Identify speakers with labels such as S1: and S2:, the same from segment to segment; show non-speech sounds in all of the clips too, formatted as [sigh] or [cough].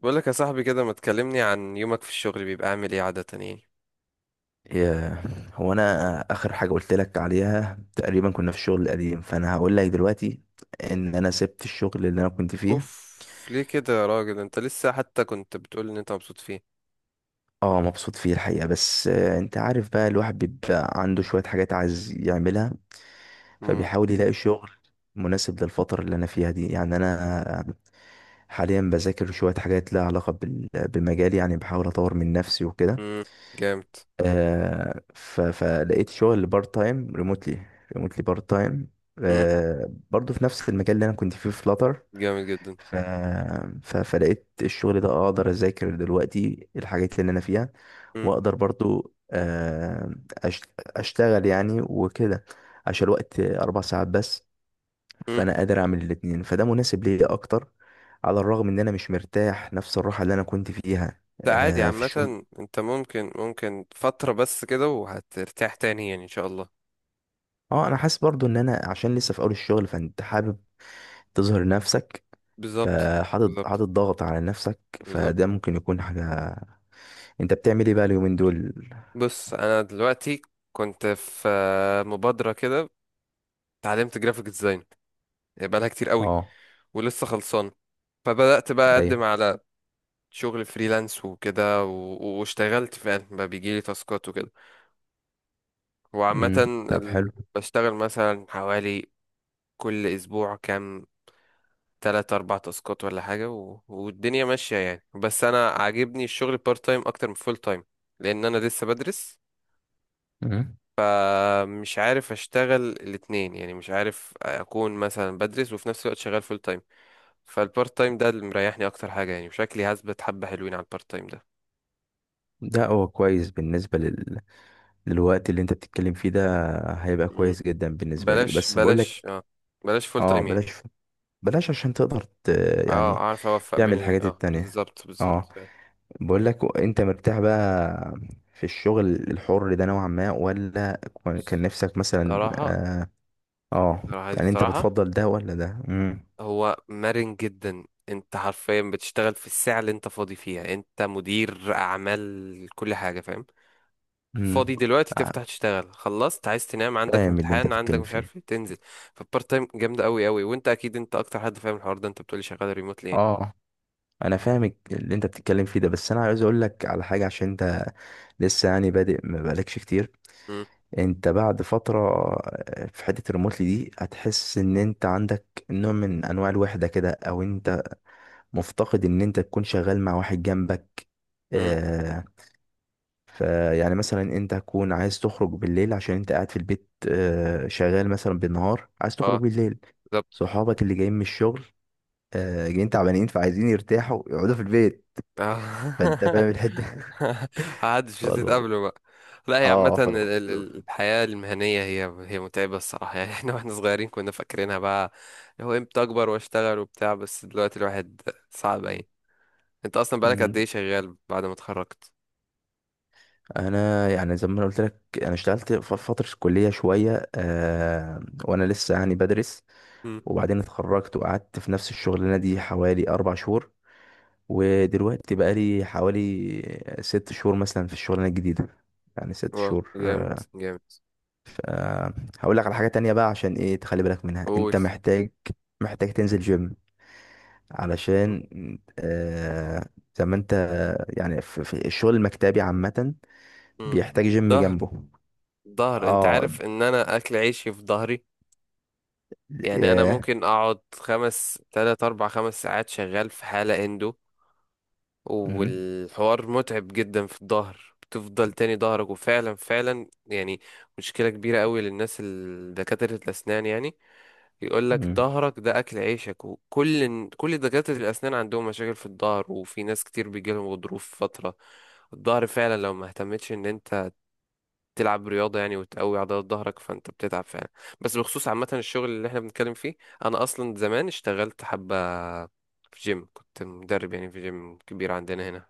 S1: بقول لك يا صاحبي كده ما تكلمني عن يومك في الشغل، بيبقى عامل ايه عادة يعني؟
S2: يا- هو انا اخر حاجه قلت لك عليها تقريبا، كنا في الشغل القديم، فانا هقول لك دلوقتي ان انا سبت الشغل اللي انا كنت فيه.
S1: اوف، ليه كده يا راجل؟ انت لسه حتى كنت بتقول ان انت مبسوط فيه؟
S2: اه مبسوط فيه الحقيقه، بس انت عارف بقى الواحد بيبقى عنده شويه حاجات عايز يعملها،
S1: امم.
S2: فبيحاول يلاقي شغل مناسب للفتره اللي انا فيها دي. يعني انا حاليا بذاكر شويه حاجات لها علاقه بمجالي، يعني بحاول اطور من نفسي وكده.
S1: امم. جامد.
S2: فلقيت شغل بارت تايم ريموتلي، ريموتلي بارت تايم.
S1: امم.
S2: برضو في نفس المجال اللي انا كنت فيه في فلاتر.
S1: جامد جدا.
S2: ف... فلقيت الشغل ده، اقدر اذاكر دلوقتي الحاجات اللي انا فيها،
S1: امم.
S2: واقدر برضو أش- اشتغل يعني وكده، عشان الوقت اربع ساعات بس،
S1: امم.
S2: فانا قادر اعمل الاتنين، فده مناسب ليا اكتر. على الرغم ان انا مش مرتاح نفس الراحة اللي انا كنت فيها
S1: ده عادي
S2: في الشغل.
S1: عامة، انت ممكن فترة بس كده وهترتاح تاني يعني ان شاء الله.
S2: اه انا حاسس برضو ان انا عشان لسه في اول الشغل، فانت حابب تظهر نفسك،
S1: بالظبط.
S2: فحاطط
S1: بالظبط.
S2: حاطط ضغط على نفسك،
S1: بالظبط.
S2: فده ممكن يكون حاجة. انت بتعمل ايه بقى اليومين دول؟
S1: بص، انا دلوقتي كنت في مبادرة كده، اتعلمت جرافيك ديزاين بقالها كتير قوي
S2: اه.
S1: ولسه خلصان. فبدأت بقى
S2: ايوه.
S1: اقدم على شغل فريلانس وكده واشتغلت فعلا بقى بيجيلي تاسكات وكده. وعامة
S2: طب حلو.
S1: بشتغل مثلا حوالي كل أسبوع كام، تلات أربع تاسكات ولا حاجة والدنيا ماشية يعني. بس أنا عاجبني الشغل بارت تايم أكتر من فول تايم لأن أنا لسه بدرس.
S2: امم.
S1: مش عارف أشتغل الاتنين يعني، مش عارف أكون مثلا بدرس وفي نفس الوقت شغال فول تايم. فالبارت تايم ده اللي مريحني أكتر حاجة يعني، وشكلي هثبت حبة حلوين على البارت تايم ده.
S2: ده هو كويس بالنسبة للوقت اللي انت بتتكلم فيه ده، هيبقى
S1: مم.
S2: كويس جدا بالنسبة لك،
S1: بلاش
S2: بس بقول
S1: بلاش،
S2: لك،
S1: اه، بلاش فول
S2: اه،
S1: تايم يعني.
S2: بلاش، بلاش عشان تقدر
S1: اه،
S2: يعني
S1: اعرف اوفق بين
S2: تعمل الحاجات التانية.
S1: بالظبط،
S2: اه.
S1: بالظبط.
S2: بقول لك، انت مرتاح بقى في الشغل الحر ده نوعا ما، ولا كان نفسك مثلا
S1: صراحة،
S2: آه،
S1: صراحة،
S2: يعني انت
S1: الصراحة.
S2: بتفضل ده ولا ده؟ امم.
S1: هو مرن جدا، انت حرفيا بتشتغل في الساعة اللي انت فاضي فيها، انت مدير اعمال، كل حاجة فاهم.
S2: امم.
S1: فاضي دلوقتي تفتح تشتغل، خلصت عايز تنام، عندك
S2: فاهم اللي انت
S1: امتحان، عندك
S2: بتتكلم
S1: مش
S2: فيه.
S1: عارف ايه تنزل. فالبارت تايم جامدة قوي قوي، وانت اكيد انت اكتر حد فاهم الحوار ده، انت بتقولي شغال ريموتلي يعني.
S2: اه، انا فاهم اللي انت بتتكلم فيه ده، بس انا عايز اقول لك على حاجه، عشان انت لسه يعني بادئ، ما بقالكش كتير.
S1: امم.
S2: انت بعد فتره في حته الريموتلي دي هتحس ان انت عندك نوع من انواع الوحده كده، او انت مفتقد ان انت تكون شغال مع واحد جنبك.
S1: امم.
S2: آه فيعني مثلا انت تكون عايز تخرج بالليل عشان انت قاعد في البيت، شغال مثلا بالنهار، عايز تخرج
S1: اه.
S2: بالليل.
S1: بالظبط.
S2: صحابك اللي جايين من الشغل، جايين تعبانين، فعايزين يرتاحوا يقعدوا في البيت،
S1: اه.
S2: فانت
S1: [laughs]
S2: فاهم الحته.
S1: [laughs] محدش
S2: [laughs] والله.
S1: هتتقابلوا بقى. لا، هي عامة
S2: اه.
S1: الحياة المهنية هي متعبة الصراحة يعني. [laughs] احنا واحنا صغيرين كنا فاكرينها بقى اللي هو امتى اكبر واشتغل وبتاع، بس دلوقتي الواحد صعب يعني. انت اصلا بقالك قد
S2: مم.
S1: ايه شغال بعد ما اتخرجت؟
S2: انا يعني زي ما انا قلت لك، انا اشتغلت في فتره الكليه شويه، وانا لسه يعني بدرس،
S1: امم.
S2: وبعدين اتخرجت وقعدت في نفس الشغلانه دي حوالي اربع شهور، ودلوقتي بقالي حوالي ست شهور مثلا في الشغلانة الجديدة، يعني ست
S1: واو.
S2: شهور.
S1: جامد. جامد.
S2: أه، هقول لك على حاجة تانية بقى، عشان ايه تخلي بالك منها،
S1: قول.
S2: انت محتاج، محتاج تنزل جيم علشان، أه، زي ما انت يعني في, في الشغل المكتبي عامة
S1: امم.
S2: بيحتاج جيم
S1: ظهر.
S2: جنبه.
S1: ظهر، انت
S2: اه.
S1: عارف ان انا اكل عيشي في ظهري. يعني انا
S2: ياه.
S1: ممكن اقعد خمس، تلات، اربع، خمس ساعات شغال في حالة اندو.
S2: مهم.
S1: والحوار متعب جدا في الظهر، بتفضل تاني ظهرك وفعلا فعلا يعني. مشكلة كبيرة قوي للناس دكاترة الأسنان يعني. يقول لك
S2: مهم.
S1: ظهرك ده أكل عيشك، وكل كل دكاترة الأسنان عندهم مشاكل في الظهر، وفي ناس كتير بيجيلهم غضروف في فترة الظهر فعلا. لو ما اهتمتش ان انت تلعب رياضة يعني وتقوي عضلات ظهرك فانت بتتعب فعلا. بس بخصوص عامة الشغل اللي احنا بنتكلم فيه، انا اصلا زمان اشتغلت حبة في جيم، كنت مدرب يعني في جيم كبير عندنا هنا.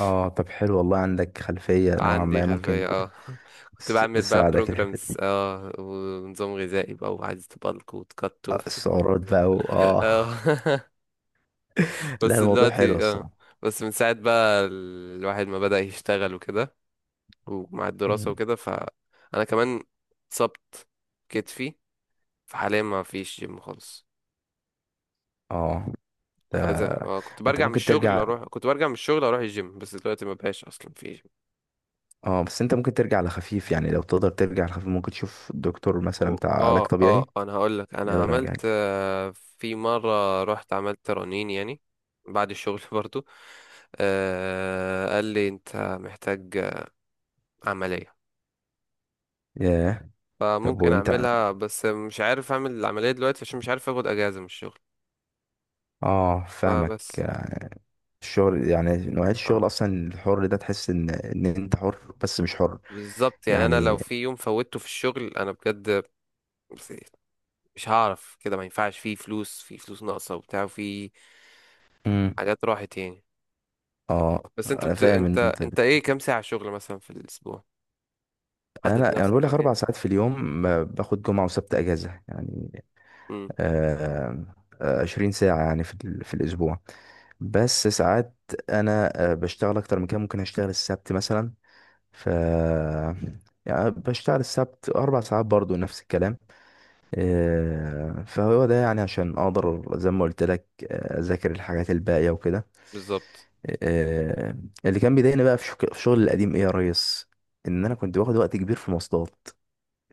S2: اه، طب حلو والله، عندك خلفية نوعا
S1: عندي
S2: ما،
S1: خلفية
S2: ممكن
S1: اه. [laughs] كنت بعمل بقى
S2: تساعدك الحتة
S1: بروجرامز،
S2: دي.
S1: اه، ونظام غذائي بقى وعايز تبلك وتكت
S2: السعرات بقى و...
S1: [laughs]
S2: اه
S1: اه. [laughs]
S2: [laughs] لا،
S1: بس
S2: الموضوع حلو
S1: دلوقتي اه
S2: الصراحة.
S1: بس من ساعة بقى الواحد ما بدأ يشتغل وكده ومع الدراسة
S2: مم.
S1: وكده فأنا كمان اتصبت كتفي. فحاليا ما فيش جيم خالص.
S2: اه. ده
S1: فعايز اه
S2: انت ممكن ترجع،
S1: كنت برجع من الشغل اروح الجيم، بس دلوقتي ما بقاش اصلا في.
S2: اه، بس انت ممكن ترجع لخفيف يعني، لو تقدر ترجع لخفيف ممكن تشوف الدكتور مثلا بتاع علاج طبيعي،
S1: انا هقول لك، انا
S2: يقدر
S1: عملت
S2: يرجعك.
S1: في مره رحت عملت رنين يعني بعد الشغل [laughs] برضو. قال لي انت محتاج عمليه.
S2: ياه. طب
S1: فممكن
S2: وانت،
S1: اعملها، بس مش عارف اعمل العمليه دلوقتي عشان مش عارف اخد اجازه من الشغل
S2: اه، فاهمك.
S1: فبس.
S2: الشغل يعني نوعية
S1: اه،
S2: الشغل اصلا الحر ده، تحس ان انت حر بس مش حر
S1: بالظبط يعني، انا لو
S2: يعني.
S1: في يوم فوتته في الشغل انا بجد مش هعرف كده، ما ينفعش، في فلوس ناقصه وبتاع وفي
S2: مم.
S1: حاجات راحت يعني.
S2: اه.
S1: بس انت
S2: انا
S1: بت...
S2: فاهم ان
S1: انت
S2: انت،
S1: انت ايه كام ساعه شغل مثلا في الاسبوع؟ حدد
S2: انا يعني بقول
S1: لنفسك وقت
S2: لك اربع
S1: يعني.
S2: ساعات في اليوم، ما باخد جمعة وسبت اجازة يعني.
S1: امم.
S2: آه 20 ساعة يعني في في الاسبوع. بس ساعات انا بشتغل اكتر من كده، ممكن اشتغل السبت مثلا، ف يعني بشتغل السبت اربع ساعات برضو، نفس الكلام. فهو ده يعني عشان اقدر، زي ما قلت لك، اذاكر الحاجات الباقيه وكده.
S1: بالظبط.
S2: آه، اللي كان بيضايقني بقى في شغل القديم ايه يا ريس؟ ان انا كنت باخد وقت كبير في مواصلات،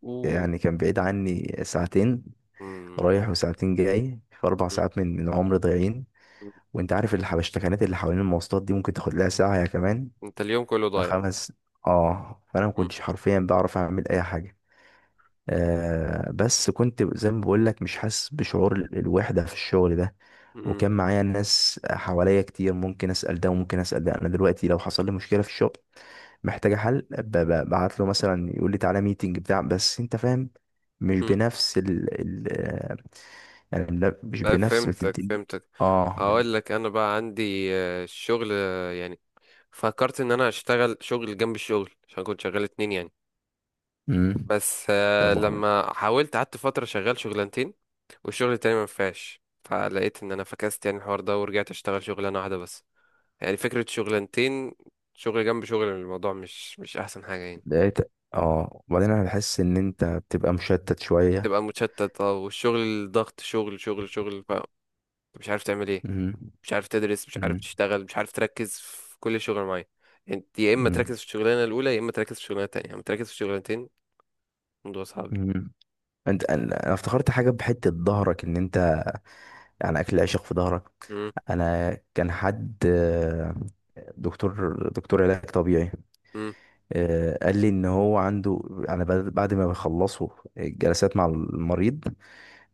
S1: اوه.
S2: يعني كان بعيد عني ساعتين
S1: امم.
S2: رايح، وساعتين جاي، في اربع
S1: أمم،
S2: ساعات من عمري ضايعين.
S1: أمم.
S2: وانت عارف الحبشتكنات اللي حوالين المواصلات دي ممكن تاخد لها ساعة يا كمان
S1: انت اليوم كله ضايع.
S2: خمس. اه، فانا ما
S1: امم.
S2: كنتش حرفيا بعرف اعمل اي حاجه. بس كنت زي ما بقول لك، مش حاسس بشعور الوحده في الشغل ده.
S1: أمم،
S2: وكان معايا ناس حواليا كتير، ممكن اسال ده وممكن اسال ده. انا دلوقتي لو حصل لي مشكله في الشغل محتاجه حل، ببعت له مثلا، يقول لي تعالى ميتنج بتاع. بس انت فاهم، مش
S1: أمم.
S2: بنفس ال, ال آه، يعني مش
S1: أه،
S2: بنفس
S1: فهمتك
S2: بتدي.
S1: فهمتك.
S2: اه.
S1: هقول لك، انا بقى عندي الشغل، يعني فكرت ان انا اشتغل شغل جنب الشغل عشان كنت شغال اتنين يعني.
S2: امم
S1: بس
S2: طب
S1: لما حاولت قعدت فترة شغال شغلانتين، والشغل التاني ما نفعش، فلقيت ان انا فكست يعني الحوار ده ورجعت اشتغل شغلانة واحدة بس. يعني فكرة شغلانتين، شغل جنب شغل، الموضوع مش احسن حاجة يعني.
S2: لقيت، اه، وبعدين انا بحس ان انت بتبقى مشتت شويه.
S1: تبقى متشتت، اه، والشغل ضغط، شغل شغل شغل، مش عارف تعمل ايه،
S2: مم.
S1: مش عارف تدرس، مش عارف
S2: مم.
S1: تشتغل، مش عارف تركز في كل شغل معين. انت يا اما
S2: مم.
S1: تركز في الشغلانه الاولى، يا اما تركز في الشغلانه التانيه، اما تركز في الشغلانتين. الموضوع صعب.
S2: مم. انت انا أنا افتكرت حاجه بحته ظهرك، ان انت يعني اكل العشق في ظهرك.
S1: امم.
S2: انا كان حد دكتور علاج طبيعي
S1: امم.
S2: قال لي ان هو عنده، انا بعد ما بيخلصوا الجلسات مع المريض،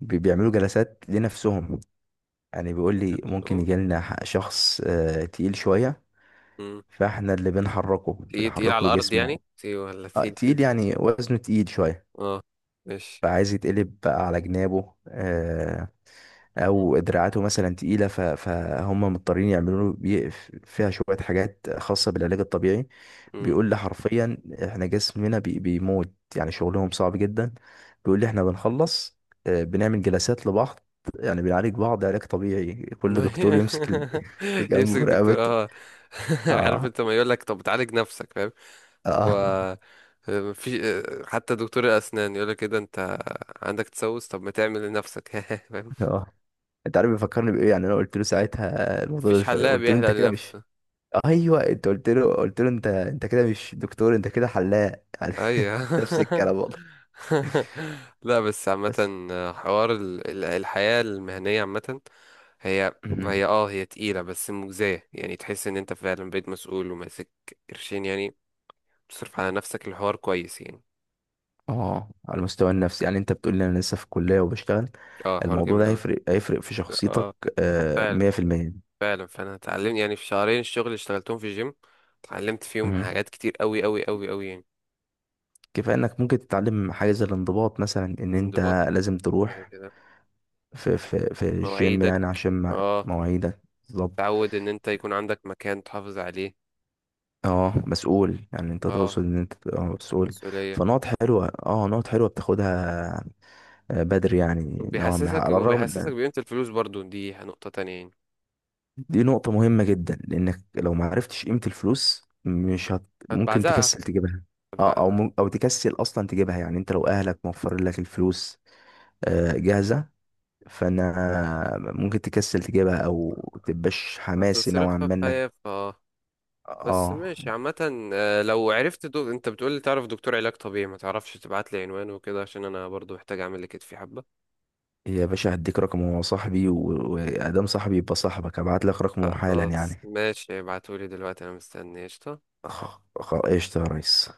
S2: بيعملوا جلسات لنفسهم. يعني بيقول لي ممكن
S1: نفسهم.
S2: يجي لنا شخص تقيل شويه،
S1: امم.
S2: فاحنا اللي بنحركه،
S1: تقيل تقيل
S2: بنحرك
S1: على
S2: له
S1: الارض
S2: جسمه.
S1: يعني، تقيل ولا تقيل؟ [laughs]
S2: تقيل يعني وزنه تقيل شويه،
S1: اه. ماشي.
S2: فعايز يتقلب بقى على جنابه،
S1: مم.
S2: او دراعاته مثلا تقيله، فهم مضطرين يعملوا له فيها شويه حاجات خاصه بالعلاج الطبيعي.
S1: مم.
S2: بيقول لي حرفيا احنا جسمنا بيموت، يعني شغلهم صعب جدا. بيقول لي احنا بنخلص، بنعمل جلسات لبعض، يعني بنعالج بعض علاج طبيعي، كل دكتور يمسك
S1: [laughs]
S2: [laughs] اللي جنبه
S1: يمسك
S2: في
S1: دكتور،
S2: رقبته.
S1: اه. [laughs] عارف
S2: اه.
S1: انت، ما يقول لك طب تعالج نفسك فاهم؟ اللي هو
S2: اه.
S1: في حتى دكتور الاسنان يقول لك كده، انت عندك تسوس، طب ما تعمل لنفسك [laughs] فاهم؟
S2: اه. [laughs] انت عارف بيفكرني بايه؟ يعني انا قلت له ساعتها الموضوع ده،
S1: مفيش حلاق
S2: قلت له
S1: بيحلق
S2: انت كده مش،
S1: لنفسه.
S2: ايوه، انت قلت له، قلت له انت، انت كده مش دكتور، انت كده حلاق يعني.
S1: ايوه.
S2: [laughs] نفس
S1: [laughs]
S2: الكلام والله.
S1: لا، بس
S2: بس،
S1: عامة حوار الحياة المهنية عامة هي
S2: مهم.
S1: هي تقيلة بس مجزية يعني، تحس ان انت فعلا بقيت مسؤول وماسك قرشين يعني، تصرف على نفسك الحوار كويس يعني.
S2: اه، على المستوى النفسي يعني انت بتقول لي انا لسه في الكليه وبشتغل،
S1: اه، حوار
S2: الموضوع
S1: جامد
S2: ده
S1: اوي.
S2: هيفرق هيفرق في شخصيتك.
S1: اه. فعلا،
S2: 100%.
S1: فعلا، فانا اتعلمت يعني في شهرين الشغل اللي اشتغلتهم في جيم، اتعلمت فيهم
S2: مهم.
S1: حاجات كتير اوي اوي اوي اوي يعني.
S2: كفايه انك ممكن تتعلم حاجه زي الانضباط مثلا، ان انت
S1: انضباط،
S2: لازم
S1: كده
S2: تروح
S1: كده،
S2: في الجيم
S1: مواعيدك،
S2: يعني عشان
S1: اه،
S2: مواعيدك. بالظبط.
S1: تعود ان انت يكون عندك مكان تحافظ عليه،
S2: اه، مسؤول يعني، انت
S1: اه،
S2: تقصد ان انت تبقى مسؤول.
S1: مسؤولية.
S2: فنقط حلوه، اه، نقط حلوه بتاخدها، بدري يعني نوعا ما،
S1: وبيحسسك
S2: على الرغم
S1: وبيحسسك
S2: ان،
S1: بقيمة الفلوس برضو، دي نقطة تانية يعني.
S2: دي نقطة مهمة جدا، لانك لو ما عرفتش قيمة الفلوس مش ممكن
S1: هتبعزقها،
S2: تكسل تجيبها، اه، او
S1: هتبعزقها،
S2: او تكسل اصلا تجيبها. يعني انت لو اهلك موفرين لك الفلوس جاهزة، فانا ممكن تكسل تجيبها، او تبقاش حماسي نوعا
S1: هتصرفها في
S2: ما انك،
S1: هيف، اه. بس
S2: اه،
S1: ماشي، عامة لو عرفت انت بتقولي تعرف دكتور علاج طبيعي، ما تعرفش تبعت لي عنوانه وكده عشان انا برضو محتاج اعمل لكتفي حبة.
S2: يا باشا هديك رقمه، هو صاحبي وادام صاحبي يبقى صاحبك، هبعت لك رقمه حالا
S1: خلاص
S2: يعني.
S1: ماشي، ابعتولي دلوقتي انا مستني قشطة.
S2: قشطة يا ريس.